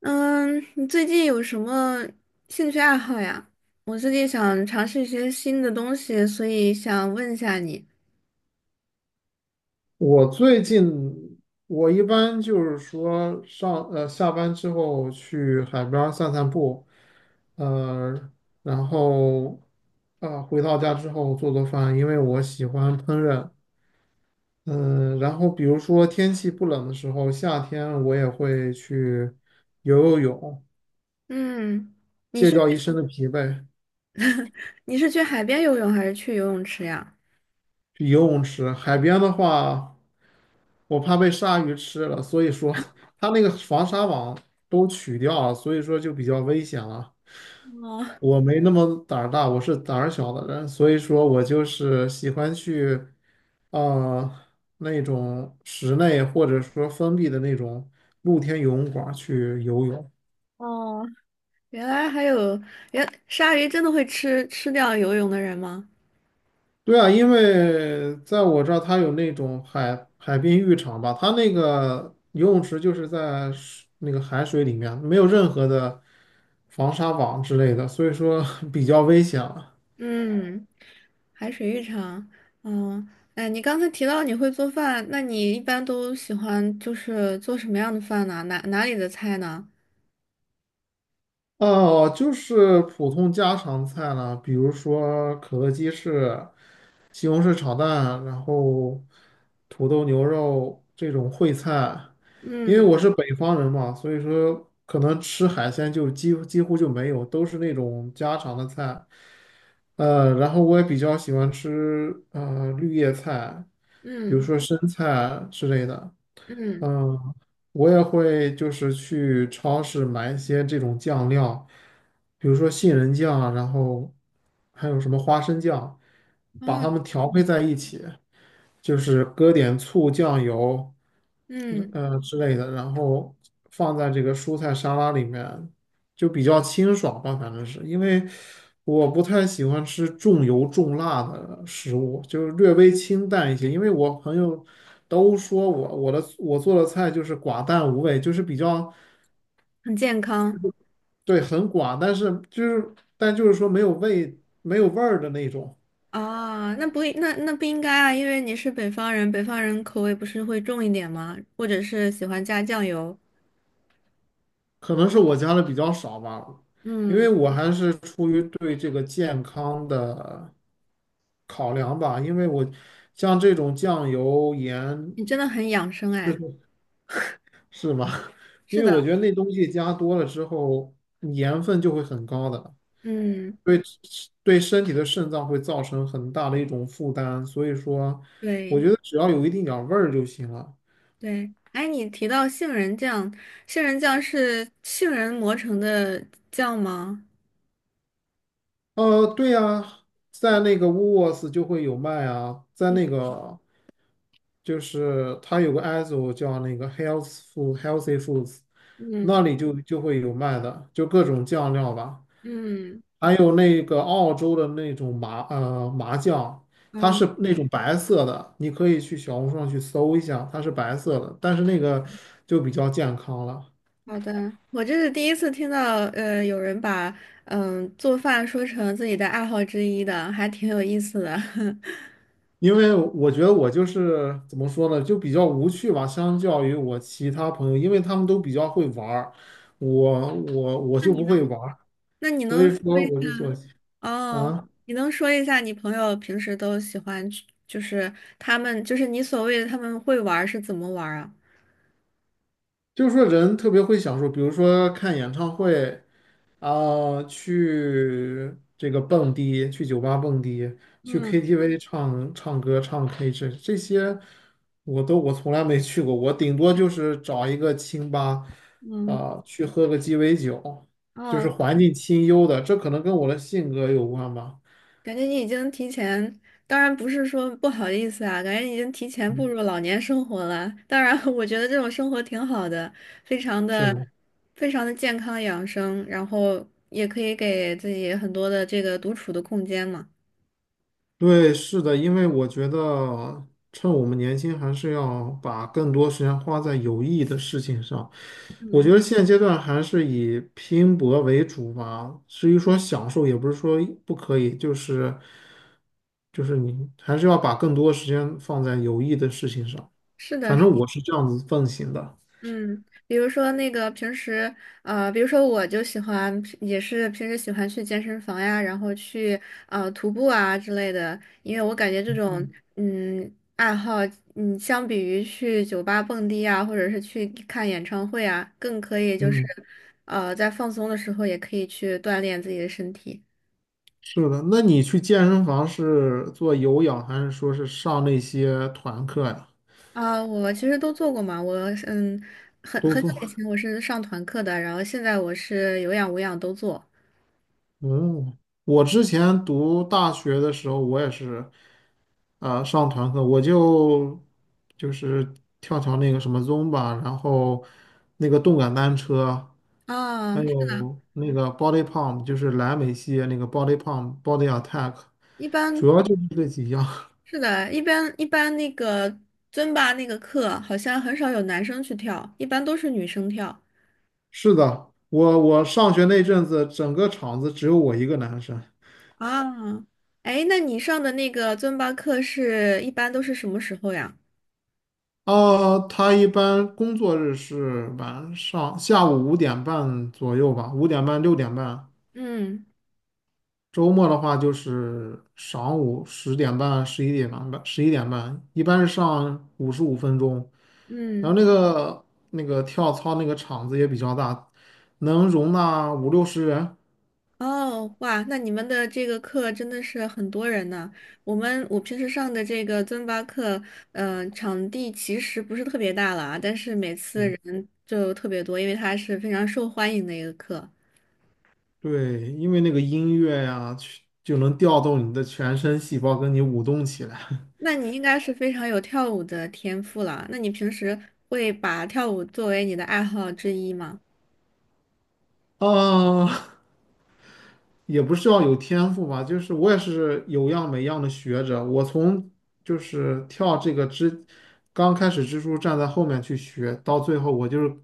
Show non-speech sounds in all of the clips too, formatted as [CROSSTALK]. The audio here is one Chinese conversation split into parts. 嗯，你最近有什么兴趣爱好呀？我最近想尝试一些新的东西，所以想问一下你，我最近我一般就是说下班之后去海边儿散散步，呃，然后回到家之后做做饭，因为我喜欢烹饪。嗯、然后比如说天气不冷的时候，夏天我也会去游游泳，嗯，你卸是 掉一身的疲惫。[LAUGHS] 你是去海边游泳还是去游泳池呀？去游泳池。海边的话，我怕被鲨鱼吃了，所以说它那个防鲨网都取掉了，所以说就比较危险了。哦我没那么胆儿大，我是胆儿小的人，所以说我就是喜欢去，呃，那种室内或者说封闭的那种露天游泳馆去游泳。哦，[LAUGHS] 原来还有，鲨鱼真的会吃掉游泳的人吗？对啊，因为在我这儿，它有那种海滨浴场吧，它那个游泳池就是在水那个海水里面，没有任何的防沙网之类的，所以说 [LAUGHS] 比较危险。嗯，海水浴场，嗯，哎，你刚才提到你会做饭，那你一般都喜欢就是做什么样的饭呢？哪里的菜呢？哦，就是普通家常菜了，比如说可乐鸡翅、西红柿炒蛋，然后土豆牛肉这种烩菜。因为嗯。我是北方人嘛，所以说可能吃海鲜就几乎就没有，都是那种家常的菜。然后我也比较喜欢吃绿叶菜，比如嗯说生菜之类的。嗯，嗯，我也会就是去超市买一些这种酱料，比如说杏仁酱啊，然后还有什么花生酱，把哦，它们调配嗯，在一起。就是搁点醋、酱油，嗯，之类的，然后放在这个蔬菜沙拉里面，就比较清爽吧。反正是因为我不太喜欢吃重油重辣的食物，就是略微清淡一些。因为我朋友都说我做的菜就是寡淡无味，就是比较。很健康。对，很寡，但是就是但就是说没有味儿的那种。啊，那不应该啊，因为你是北方人，北方人口味不是会重一点吗？或者是喜欢加酱油。可能是我加的比较少吧，因嗯，为我还是出于对这个健康的考量吧，因为我像这种酱油、盐。你真的很养生哎。是吧？[LAUGHS] 因是为我的，觉得那东西加多了之后，盐分就会很高的。嗯，对。对身体的肾脏会造成很大的一种负担，所以说，我对觉得只要有一定点儿味儿就行了。对。哎，你提到杏仁酱，杏仁酱是杏仁磨成的酱吗？对呀，在那个 w o o 就会有卖啊，在嗯那个。就是它有个 ISO 叫那个 Health Food Healthy Foods，嗯那里就会有卖的，就各种酱料吧，嗯，还有那个澳洲的那种麻酱，它是哦，那种白色的，你可以去小红书上去搜一下，它是白色的，但是那个就比较健康了。好的，我这是第一次听到，有人把做饭说成自己的爱好之一的，还挺有意思的。[LAUGHS] 因为我觉得我就是怎么说呢，就比较无趣吧，相较于我其他朋友，因为他们都比较会玩儿，我那就你不能？会玩儿，那你所能以说说一我就做。哦？啊，你能说一下你朋友平时都喜欢去就是他们，就是你所谓的他们会玩儿是怎么玩儿啊？就是说人特别会享受，比如说看演唱会啊，去这个蹦迪，去酒吧蹦迪，去 嗯 KTV 唱唱歌、唱 K 这些，我从来没去过，我顶多就是找一个清吧嗯，啊，去喝个鸡尾酒，就哦，是环境清幽的，这可能跟我的性格有关吧。感觉你已经提前，当然不是说不好意思啊，感觉你已经提前步嗯，入老年生活了。当然，我觉得这种生活挺好的，非常的、是。非常的健康养生，然后也可以给自己很多的这个独处的空间嘛。对，是的，因为我觉得趁我们年轻，还是要把更多时间花在有意义的事情上。我嗯，觉得现阶段还是以拼搏为主吧。至于说享受，也不是说不可以，就是你还是要把更多时间放在有意义的事情上。是的，反是，正我是这样子奉行的。嗯，比如说那个平时，比如说我就喜欢，也是平时喜欢去健身房呀，然后去徒步啊之类的，因为我感觉这种嗯爱好，相比于去酒吧蹦迪啊，或者是去看演唱会啊，更可以就是，嗯，在放松的时候也可以去锻炼自己的身体。是的。那你去健身房是做有氧，还是说是上那些团课呀？啊，我其实都做过嘛，嗯，很都很久做。以前我是上团课的，然后现在我是有氧无氧都做。哦，我之前读大学的时候，我也是上团课，我就是跳跳那个什么 z o m b a， 然后那个动感单车，还啊，有那个 Body Pump，就是莱美系列那个 Body Pump、Body Attack，一般主要就是这几样。是的，一般那个尊巴那个课好像很少有男生去跳，一般都是女生跳 [LAUGHS] 是的，我上学那阵子，整个厂子只有我一个男生。啊。哎，那你上的那个尊巴课是一般都是什么时候呀？啊，他一般工作日是晚上下午五点半左右吧，五点半6:30。嗯周末的话就是晌午10:30、十一点半，一般是上55分钟。然嗯，后那个跳操那个场子也比较大，能容纳五六十人。哦，哇，那你们的这个课真的是很多人呢。我平时上的这个尊巴课，场地其实不是特别大了啊，但是每次对人就特别多，因为它是非常受欢迎的一个课。对，因为那个音乐呀，去就能调动你的全身细胞，跟你舞动起来。那你应该是非常有跳舞的天赋了。那你平时会把跳舞作为你的爱好之一吗？啊，也不是要有天赋吧，就是我也是有样没样的学着。我从就是跳这个支，刚开始蜘蛛站在后面去学，到最后我就是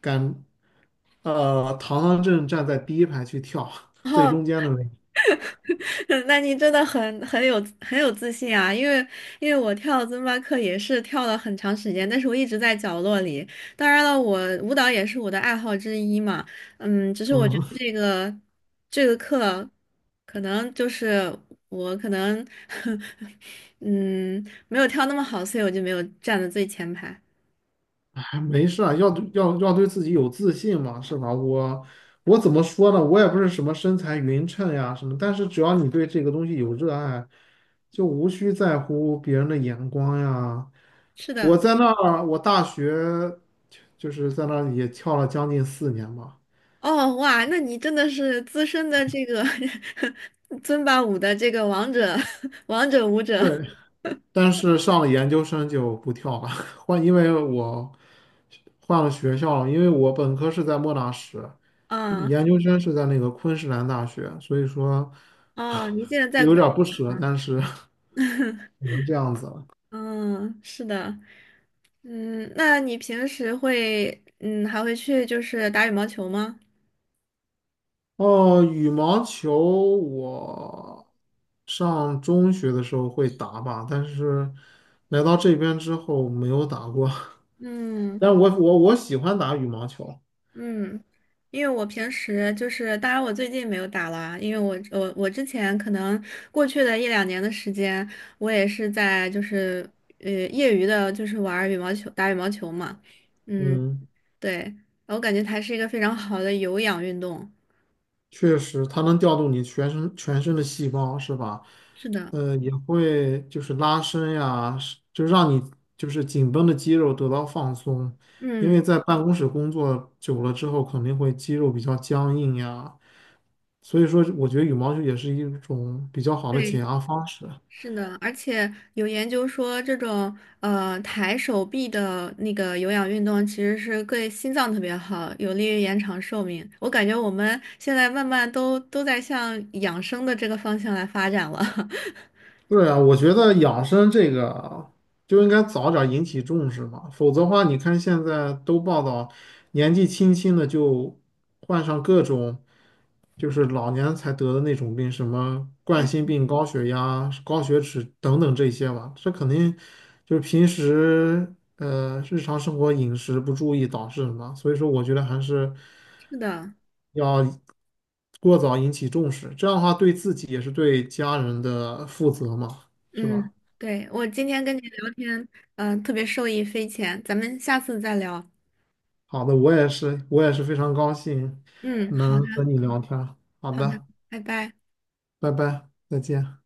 敢，堂堂正正站在第一排去跳，[LAUGHS] 最哦，中间的位置。[LAUGHS] 那你真的很有自信啊！因为我跳尊巴课也是跳了很长时间，但是我一直在角落里。当然了，我舞蹈也是我的爱好之一嘛。只是我觉嗯，得这个课可能就是我可能 [LAUGHS] 嗯没有跳那么好，所以我就没有站在最前排。哎没事啊，要对自己有自信嘛，是吧？我怎么说呢？我也不是什么身材匀称呀什么，但是只要你对这个东西有热爱，就无需在乎别人的眼光呀。是我的。在那儿，我大学就是在那儿也跳了将近4年吧。哦，哇，那你真的是资深的这个 [LAUGHS] 尊巴舞的这个王者，[LAUGHS] 王者舞者对，但是上了研究生就不跳了，[LAUGHS] 换，因为我换了学校了，因为我本科是在莫纳什，啊，研究生是在那个昆士兰大学，所以说 哦，你 [LAUGHS] 现在在有昆 点儿不舍，但是 [LAUGHS] 只 [LAUGHS] 能这样子了。嗯，是的，那你平时会，还会去就是打羽毛球吗？哦，羽毛球我上中学的时候会打吧，但是来到这边之后没有打过，[LAUGHS] 嗯。但我喜欢打羽毛球。嗯，因为我平时就是，当然我最近没有打了，因为我之前可能过去的一两年的时间，我也是在就是业余的，就是玩儿羽毛球，打羽毛球嘛。嗯，嗯。对，我感觉它是一个非常好的有氧运动。确实，它能调动你全身的细胞，是吧？是的，也会就是拉伸呀，是就让你就是紧绷的肌肉得到放松，因嗯，为在办公室工作久了之后，肯定会肌肉比较僵硬呀。所以说，我觉得羽毛球也是一种比较好的解对。压方式。是的，而且有研究说，这种抬手臂的那个有氧运动其实是对心脏特别好，有利于延长寿命。我感觉我们现在慢慢都在向养生的这个方向来发展了。[LAUGHS] 对啊，我觉得养生这个就应该早点引起重视嘛。否则的话，你看现在都报道年纪轻轻的就患上各种就是老年才得的那种病，什么冠心嗯，病、高血压、高血脂等等这些吧，这肯定就是平时日常生活饮食不注意导致的嘛，所以说我觉得还是是的，要过早引起重视，这样的话对自己也是对家人的负责嘛，是吧？嗯，对，我今天跟你聊天，特别受益匪浅，咱们下次再聊。好的，我也是，我也是非常高兴嗯，好能的，和你聊天儿。好好的，的，拜拜。拜拜，再见。